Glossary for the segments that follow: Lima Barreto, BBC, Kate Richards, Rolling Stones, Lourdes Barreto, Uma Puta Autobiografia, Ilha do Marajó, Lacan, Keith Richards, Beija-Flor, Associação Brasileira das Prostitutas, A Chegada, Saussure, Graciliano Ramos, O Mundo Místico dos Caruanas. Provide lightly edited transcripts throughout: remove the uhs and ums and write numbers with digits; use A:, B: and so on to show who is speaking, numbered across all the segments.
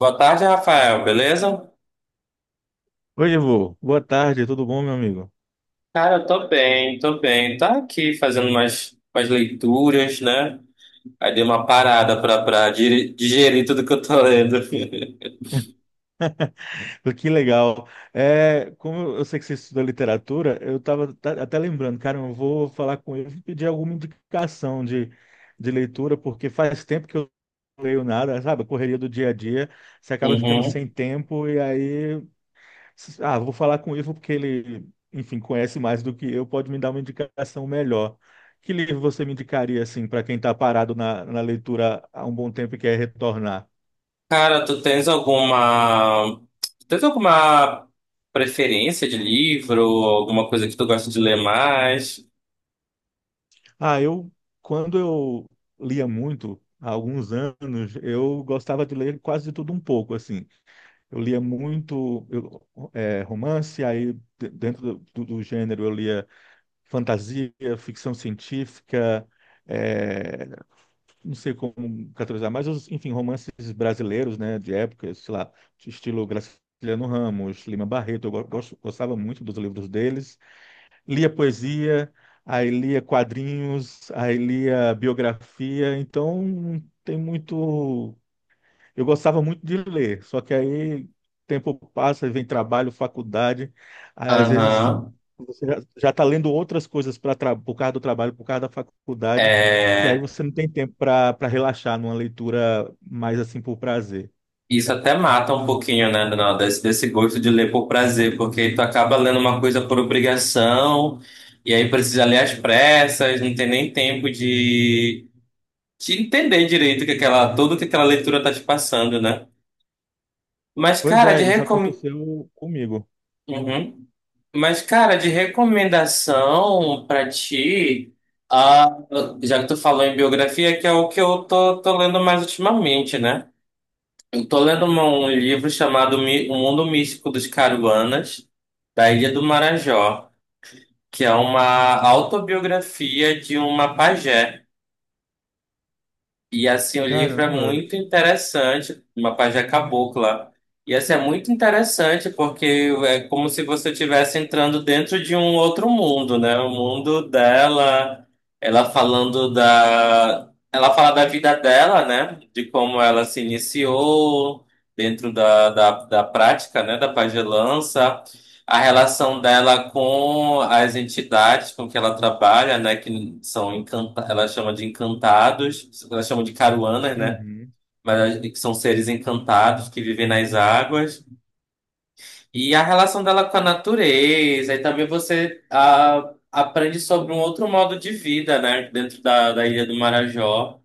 A: Boa tarde, Rafael, beleza?
B: Oi, Ivo. Boa tarde, tudo bom, meu amigo?
A: Cara, eu tô bem, tô bem. Tá aqui fazendo umas leituras, né? Aí dei uma parada pra digerir tudo que eu tô lendo.
B: Que legal. É, como eu sei que você estuda literatura, eu estava até lembrando, cara, eu vou falar com ele e pedir alguma indicação de leitura, porque faz tempo que eu não leio nada, sabe? A correria do dia a dia, você acaba ficando
A: Uhum.
B: sem tempo e aí, ah, vou falar com o Ivo porque ele, enfim, conhece mais do que eu, pode me dar uma indicação melhor. Que livro você me indicaria, assim, para quem está parado na leitura há um bom tempo e quer retornar?
A: Cara, tu tens alguma. tu tens alguma preferência de livro? Alguma coisa que tu gosta de ler mais?
B: Ah, quando eu lia muito, há alguns anos, eu gostava de ler quase de tudo um pouco, assim. Eu lia muito romance, aí dentro do gênero eu lia fantasia, ficção científica, eh, não sei como categorizar, mas os, enfim, romances brasileiros, né, de época, sei lá, de estilo Graciliano Ramos, Lima Barreto, eu gostava muito dos livros deles lia poesia, aí lia quadrinhos, aí lia biografia, então tem muito. Eu gostava muito de ler, só que aí tempo passa, vem trabalho, faculdade, aí às vezes
A: Aham.
B: você já está lendo outras coisas para por causa do trabalho, por causa da faculdade, que aí
A: É.
B: você não tem tempo para relaxar numa leitura mais assim por prazer.
A: Isso até mata um pouquinho, né, Dona, desse gosto de ler por prazer, porque tu acaba lendo uma coisa por obrigação, e aí precisa ler às pressas, não tem nem tempo de entender direito o que aquela, tudo que aquela leitura tá te passando, né? Mas,
B: Pois
A: cara,
B: é,
A: de
B: isso
A: recom...
B: aconteceu comigo.
A: Uhum. Mas, cara, de recomendação pra ti, ah, já que tu falou em biografia, que é o que eu tô lendo mais ultimamente, né? Tô lendo um livro chamado O Mundo Místico dos Caruanas, da Ilha do Marajó, que é uma autobiografia de uma pajé. E assim, o livro é
B: Caramba.
A: muito interessante, uma página cabocla. E assim, é muito interessante porque é como se você estivesse entrando dentro de um outro mundo, né? O mundo dela, Ela fala da vida dela, né? De como ela se iniciou dentro da prática, né? Da pagelança. A relação dela com as entidades com que ela trabalha, né, que são encanta, ela chama de encantados, ela chama de caruanas, né,
B: Uhum.
A: mas que são seres encantados que vivem nas águas. E a relação dela com a natureza, e também você aprende sobre um outro modo de vida, né, dentro da Ilha do Marajó.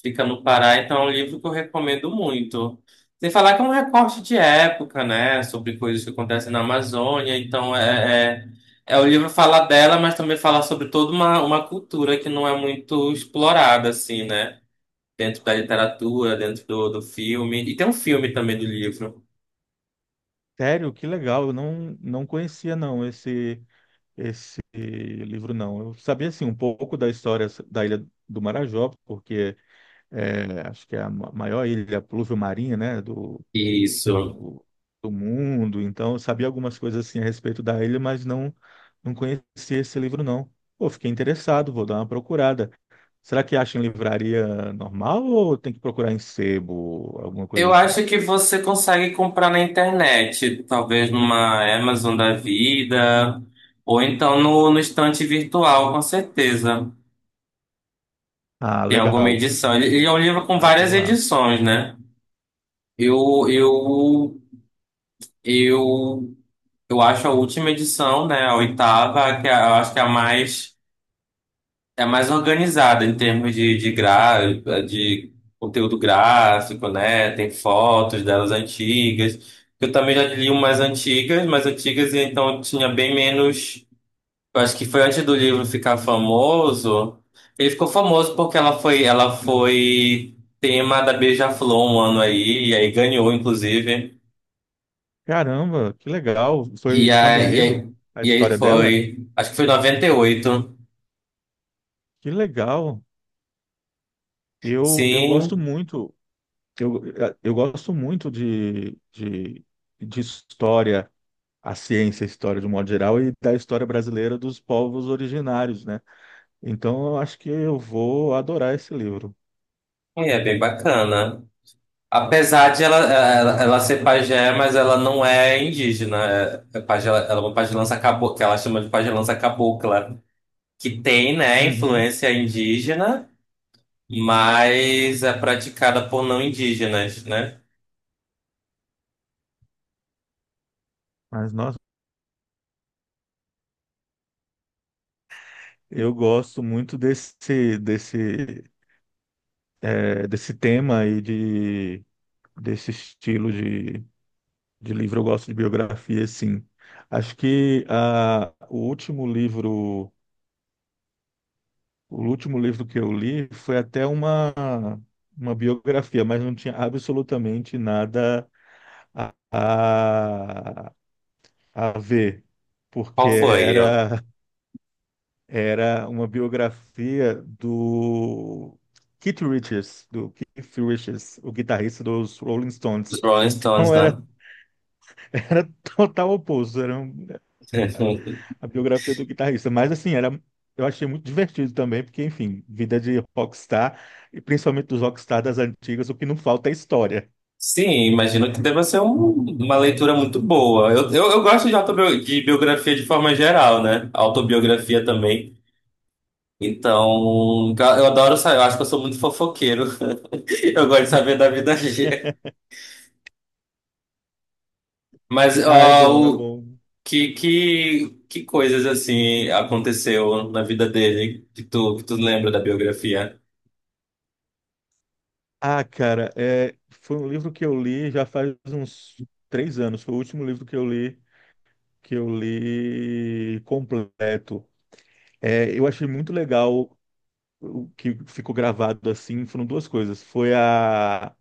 A: Fica no Pará, então é um livro que eu recomendo muito. Sem falar que é um recorte de época, né? Sobre coisas que acontecem na Amazônia. É o livro fala dela, mas também fala sobre toda uma cultura que não é muito explorada, assim, né? Dentro da literatura, dentro do, do filme. E tem um filme também do livro.
B: Sério, que legal. Eu não conhecia não esse livro não. Eu sabia assim um pouco da história da Ilha do Marajó, porque é, acho que é a maior ilha pluvio-marinha, né,
A: Isso.
B: do, do mundo. Então, eu sabia algumas coisas assim a respeito da ilha, mas não conhecia esse livro não. Pô, fiquei interessado, vou dar uma procurada. Será que acha em livraria normal ou tem que procurar em sebo, alguma coisa
A: Eu
B: assim?
A: acho que você consegue comprar na internet, talvez numa Amazon da vida, ou então no, no estante virtual, com certeza.
B: Ah,
A: Tem alguma
B: legal.
A: edição. Ele é um
B: Vou
A: livro com
B: procurar
A: várias
B: por lá.
A: edições, né? Eu, eu, eu, eu acho a última edição, né? A oitava, eu acho que é é a mais organizada em termos de, de conteúdo gráfico, né? Tem fotos delas antigas. Eu também já li umas antigas, mas antigas, então tinha bem menos. Eu acho que foi antes do livro ficar famoso. Ele ficou famoso porque ela foi tema da Beija-Flor um ano aí, e aí ganhou, inclusive.
B: Caramba, que legal. Foi
A: E
B: samba
A: aí, e
B: enredo
A: aí,
B: a
A: e aí
B: história dela?
A: foi, acho que foi 98.
B: Que legal. Eu gosto
A: Sim,
B: muito, eu, eu gosto muito de história, a ciência, a história de um modo geral, e da história brasileira dos povos originários, né? Então eu acho que eu vou adorar esse livro.
A: e é bem bacana. Apesar de ela ser pajé, mas ela não é indígena. É, é pajé, ela é uma pajelança cabocla, que ela chama de pajelança cabocla, que tem, né,
B: Uhum.
A: influência indígena. Mas é praticada por não indígenas, né?
B: Mas, nossa, eu gosto muito desse tema e desse estilo De livro, eu gosto de biografia, sim. Acho que o último livro que eu li foi até uma biografia, mas não tinha absolutamente nada a, a ver, porque
A: Qual foi?
B: era uma biografia do Keith Richards, o guitarrista dos Rolling
A: Os
B: Stones.
A: Rolling Stones,
B: Então era,
A: né?
B: era total oposto, era um a biografia do guitarrista. Mas assim, eu achei muito divertido também, porque, enfim, vida de rockstar, e principalmente dos rockstar das antigas, o que não falta é história.
A: Sim, imagino que deva ser uma leitura muito boa. Eu gosto de, autobio, de biografia de forma geral, né? Autobiografia também. Então, eu adoro saber, eu acho que eu sou muito fofoqueiro. Eu gosto de saber da vida alheia. Mas,
B: Ah, é
A: ó,
B: bom, é
A: o,
B: bom.
A: que, que coisas assim aconteceu na vida dele que tu lembra da biografia?
B: Ah, cara, foi um livro que eu li já faz uns 3 anos. Foi o último livro que eu li completo. É, eu achei muito legal o que ficou gravado assim. Foram duas coisas. Foi a,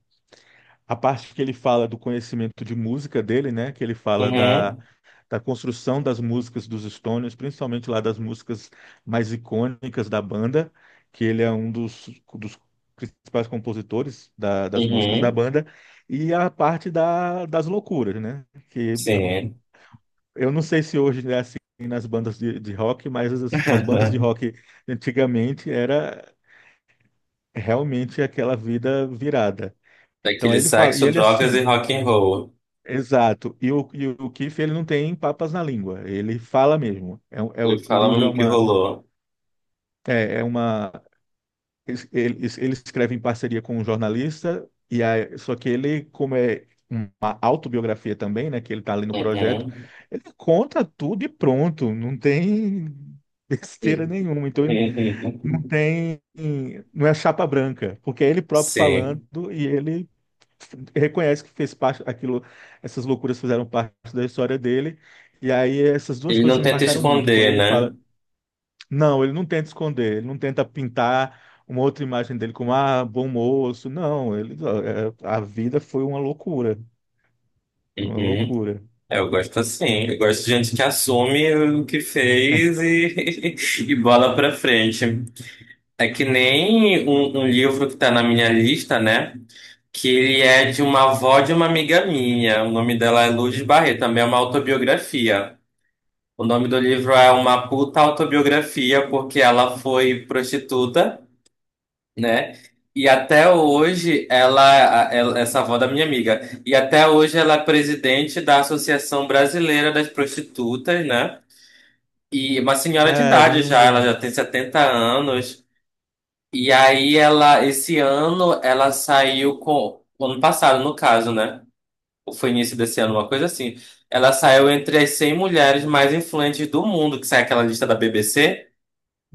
B: a parte que ele fala do conhecimento de música dele, né? Que ele fala da,
A: Uhum,
B: da construção das músicas dos Stones, principalmente lá das músicas mais icônicas da banda, que ele é um dos principais compositores das músicas da
A: uhum,
B: banda, e a parte das loucuras, né? Que
A: sim.
B: eu não sei se hoje é assim nas bandas de rock, mas as bandas de rock antigamente era realmente aquela vida virada. Então
A: Daquele
B: ele fala, e
A: sexo,
B: ele
A: drogas e
B: assim.
A: rock and roll.
B: Exato. E o Keith, ele não tem papas na língua, ele fala mesmo. O
A: Ele
B: o
A: fala
B: livro é
A: mesmo que
B: uma,
A: rolou.
B: é, é uma, ele escreve em parceria com um jornalista, e aí, só que ele, como é uma autobiografia também, né, que ele está ali no projeto,
A: Uhum.
B: ele conta tudo e pronto, não tem besteira nenhuma. Então ele não tem, não é chapa branca, porque é ele próprio falando
A: Sim.
B: e ele reconhece que fez parte aquilo, essas loucuras fizeram parte da história dele. E aí essas duas
A: Ele
B: coisas
A: não
B: me
A: tenta
B: marcaram muito. Quando
A: esconder,
B: ele
A: né?
B: fala, não, ele não tenta esconder, ele não tenta pintar uma outra imagem dele como ah, bom moço. Não, ele ó, a vida foi uma loucura, foi uma
A: Uhum.
B: loucura.
A: É, eu gosto assim. Eu gosto de gente que assume o que fez e, e bola pra frente. É que nem um livro que tá na minha lista, né? Que ele é de uma avó de uma amiga minha. O nome dela é Lourdes Barreto, também é uma autobiografia. O nome do livro é Uma Puta Autobiografia, porque ela foi prostituta, né? E até hoje essa avó da minha amiga, e até hoje ela é presidente da Associação Brasileira das Prostitutas, né? E uma senhora de idade já,
B: Caramba.
A: ela já tem 70 anos. E aí ela, ela saiu com, ano passado no caso, né? Ou foi início desse ano, uma coisa assim. Ela saiu entre as 100 mulheres mais influentes do mundo, que sai aquela lista da BBC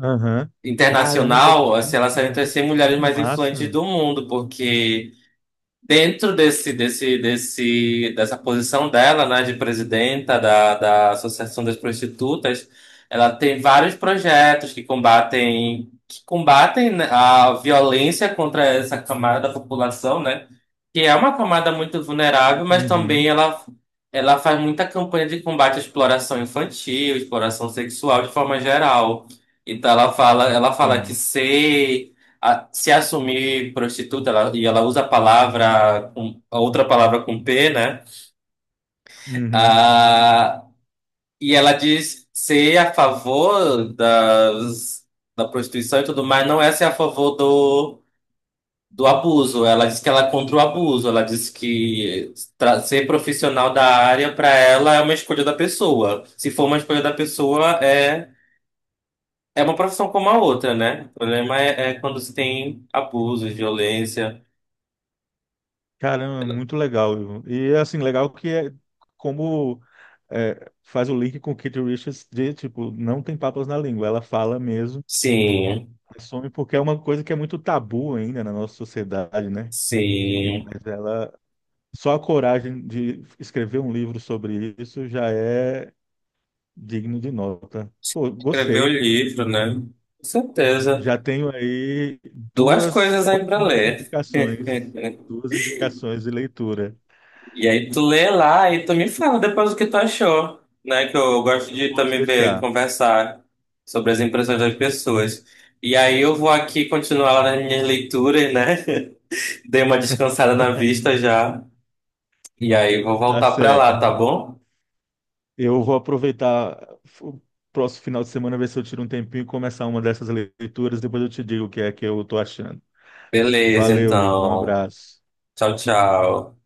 B: Aham. Caramba,
A: internacional,
B: que
A: assim, ela saiu entre as
B: incrível,
A: 100 mulheres
B: que
A: mais influentes
B: massa.
A: do mundo, porque dentro dessa posição dela, né, de presidenta da Associação das Prostitutas, ela tem vários projetos que combatem, né, a violência contra essa camada da população, né, que é uma camada muito vulnerável, mas também
B: Uhum,
A: ela faz muita campanha de combate à exploração infantil, exploração sexual de forma geral. Ela fala que
B: sim.
A: ser se assumir prostituta, e ela usa a palavra, a outra palavra com P, né?
B: Uhum.
A: Ah, e ela diz ser a favor da prostituição e tudo mais, não é ser a favor do abuso. Ela diz que ela é contra o abuso, ela diz que ser profissional da área para ela é uma escolha da pessoa. Se for uma escolha da pessoa, é. É uma profissão como a outra, né? É quando se tem abuso violência.
B: Caramba, muito legal, viu? E assim, legal que é como é, faz o link com Kate Richards de, tipo, não tem papas na língua, ela fala mesmo,
A: Sim.
B: assume, porque é uma coisa que é muito tabu ainda na nossa sociedade, né? E-
A: Sim,
B: mas ela, só a coragem de escrever um livro sobre isso já é digno de nota. Pô,
A: escrever o
B: gostei.
A: livro, né? Com certeza.
B: Já tenho aí
A: Duas
B: duas
A: coisas aí pra
B: ótimas
A: ler.
B: indicações, duas indicações de leitura.
A: E aí tu lê lá e tu me fala depois o que tu achou, né? Que eu gosto de
B: Pode
A: também ver,
B: deixar.
A: conversar sobre as impressões das pessoas. E aí eu vou aqui continuar lá nas minhas leituras, né? Dei uma descansada na vista já. E aí vou
B: Tá
A: voltar pra lá, tá
B: certo.
A: bom?
B: Eu vou aproveitar o próximo final de semana, ver se eu tiro um tempinho e começar uma dessas leituras. Depois eu te digo o que é que eu tô achando.
A: Beleza,
B: Valeu, Ivo. Um
A: então.
B: abraço.
A: Tchau, tchau.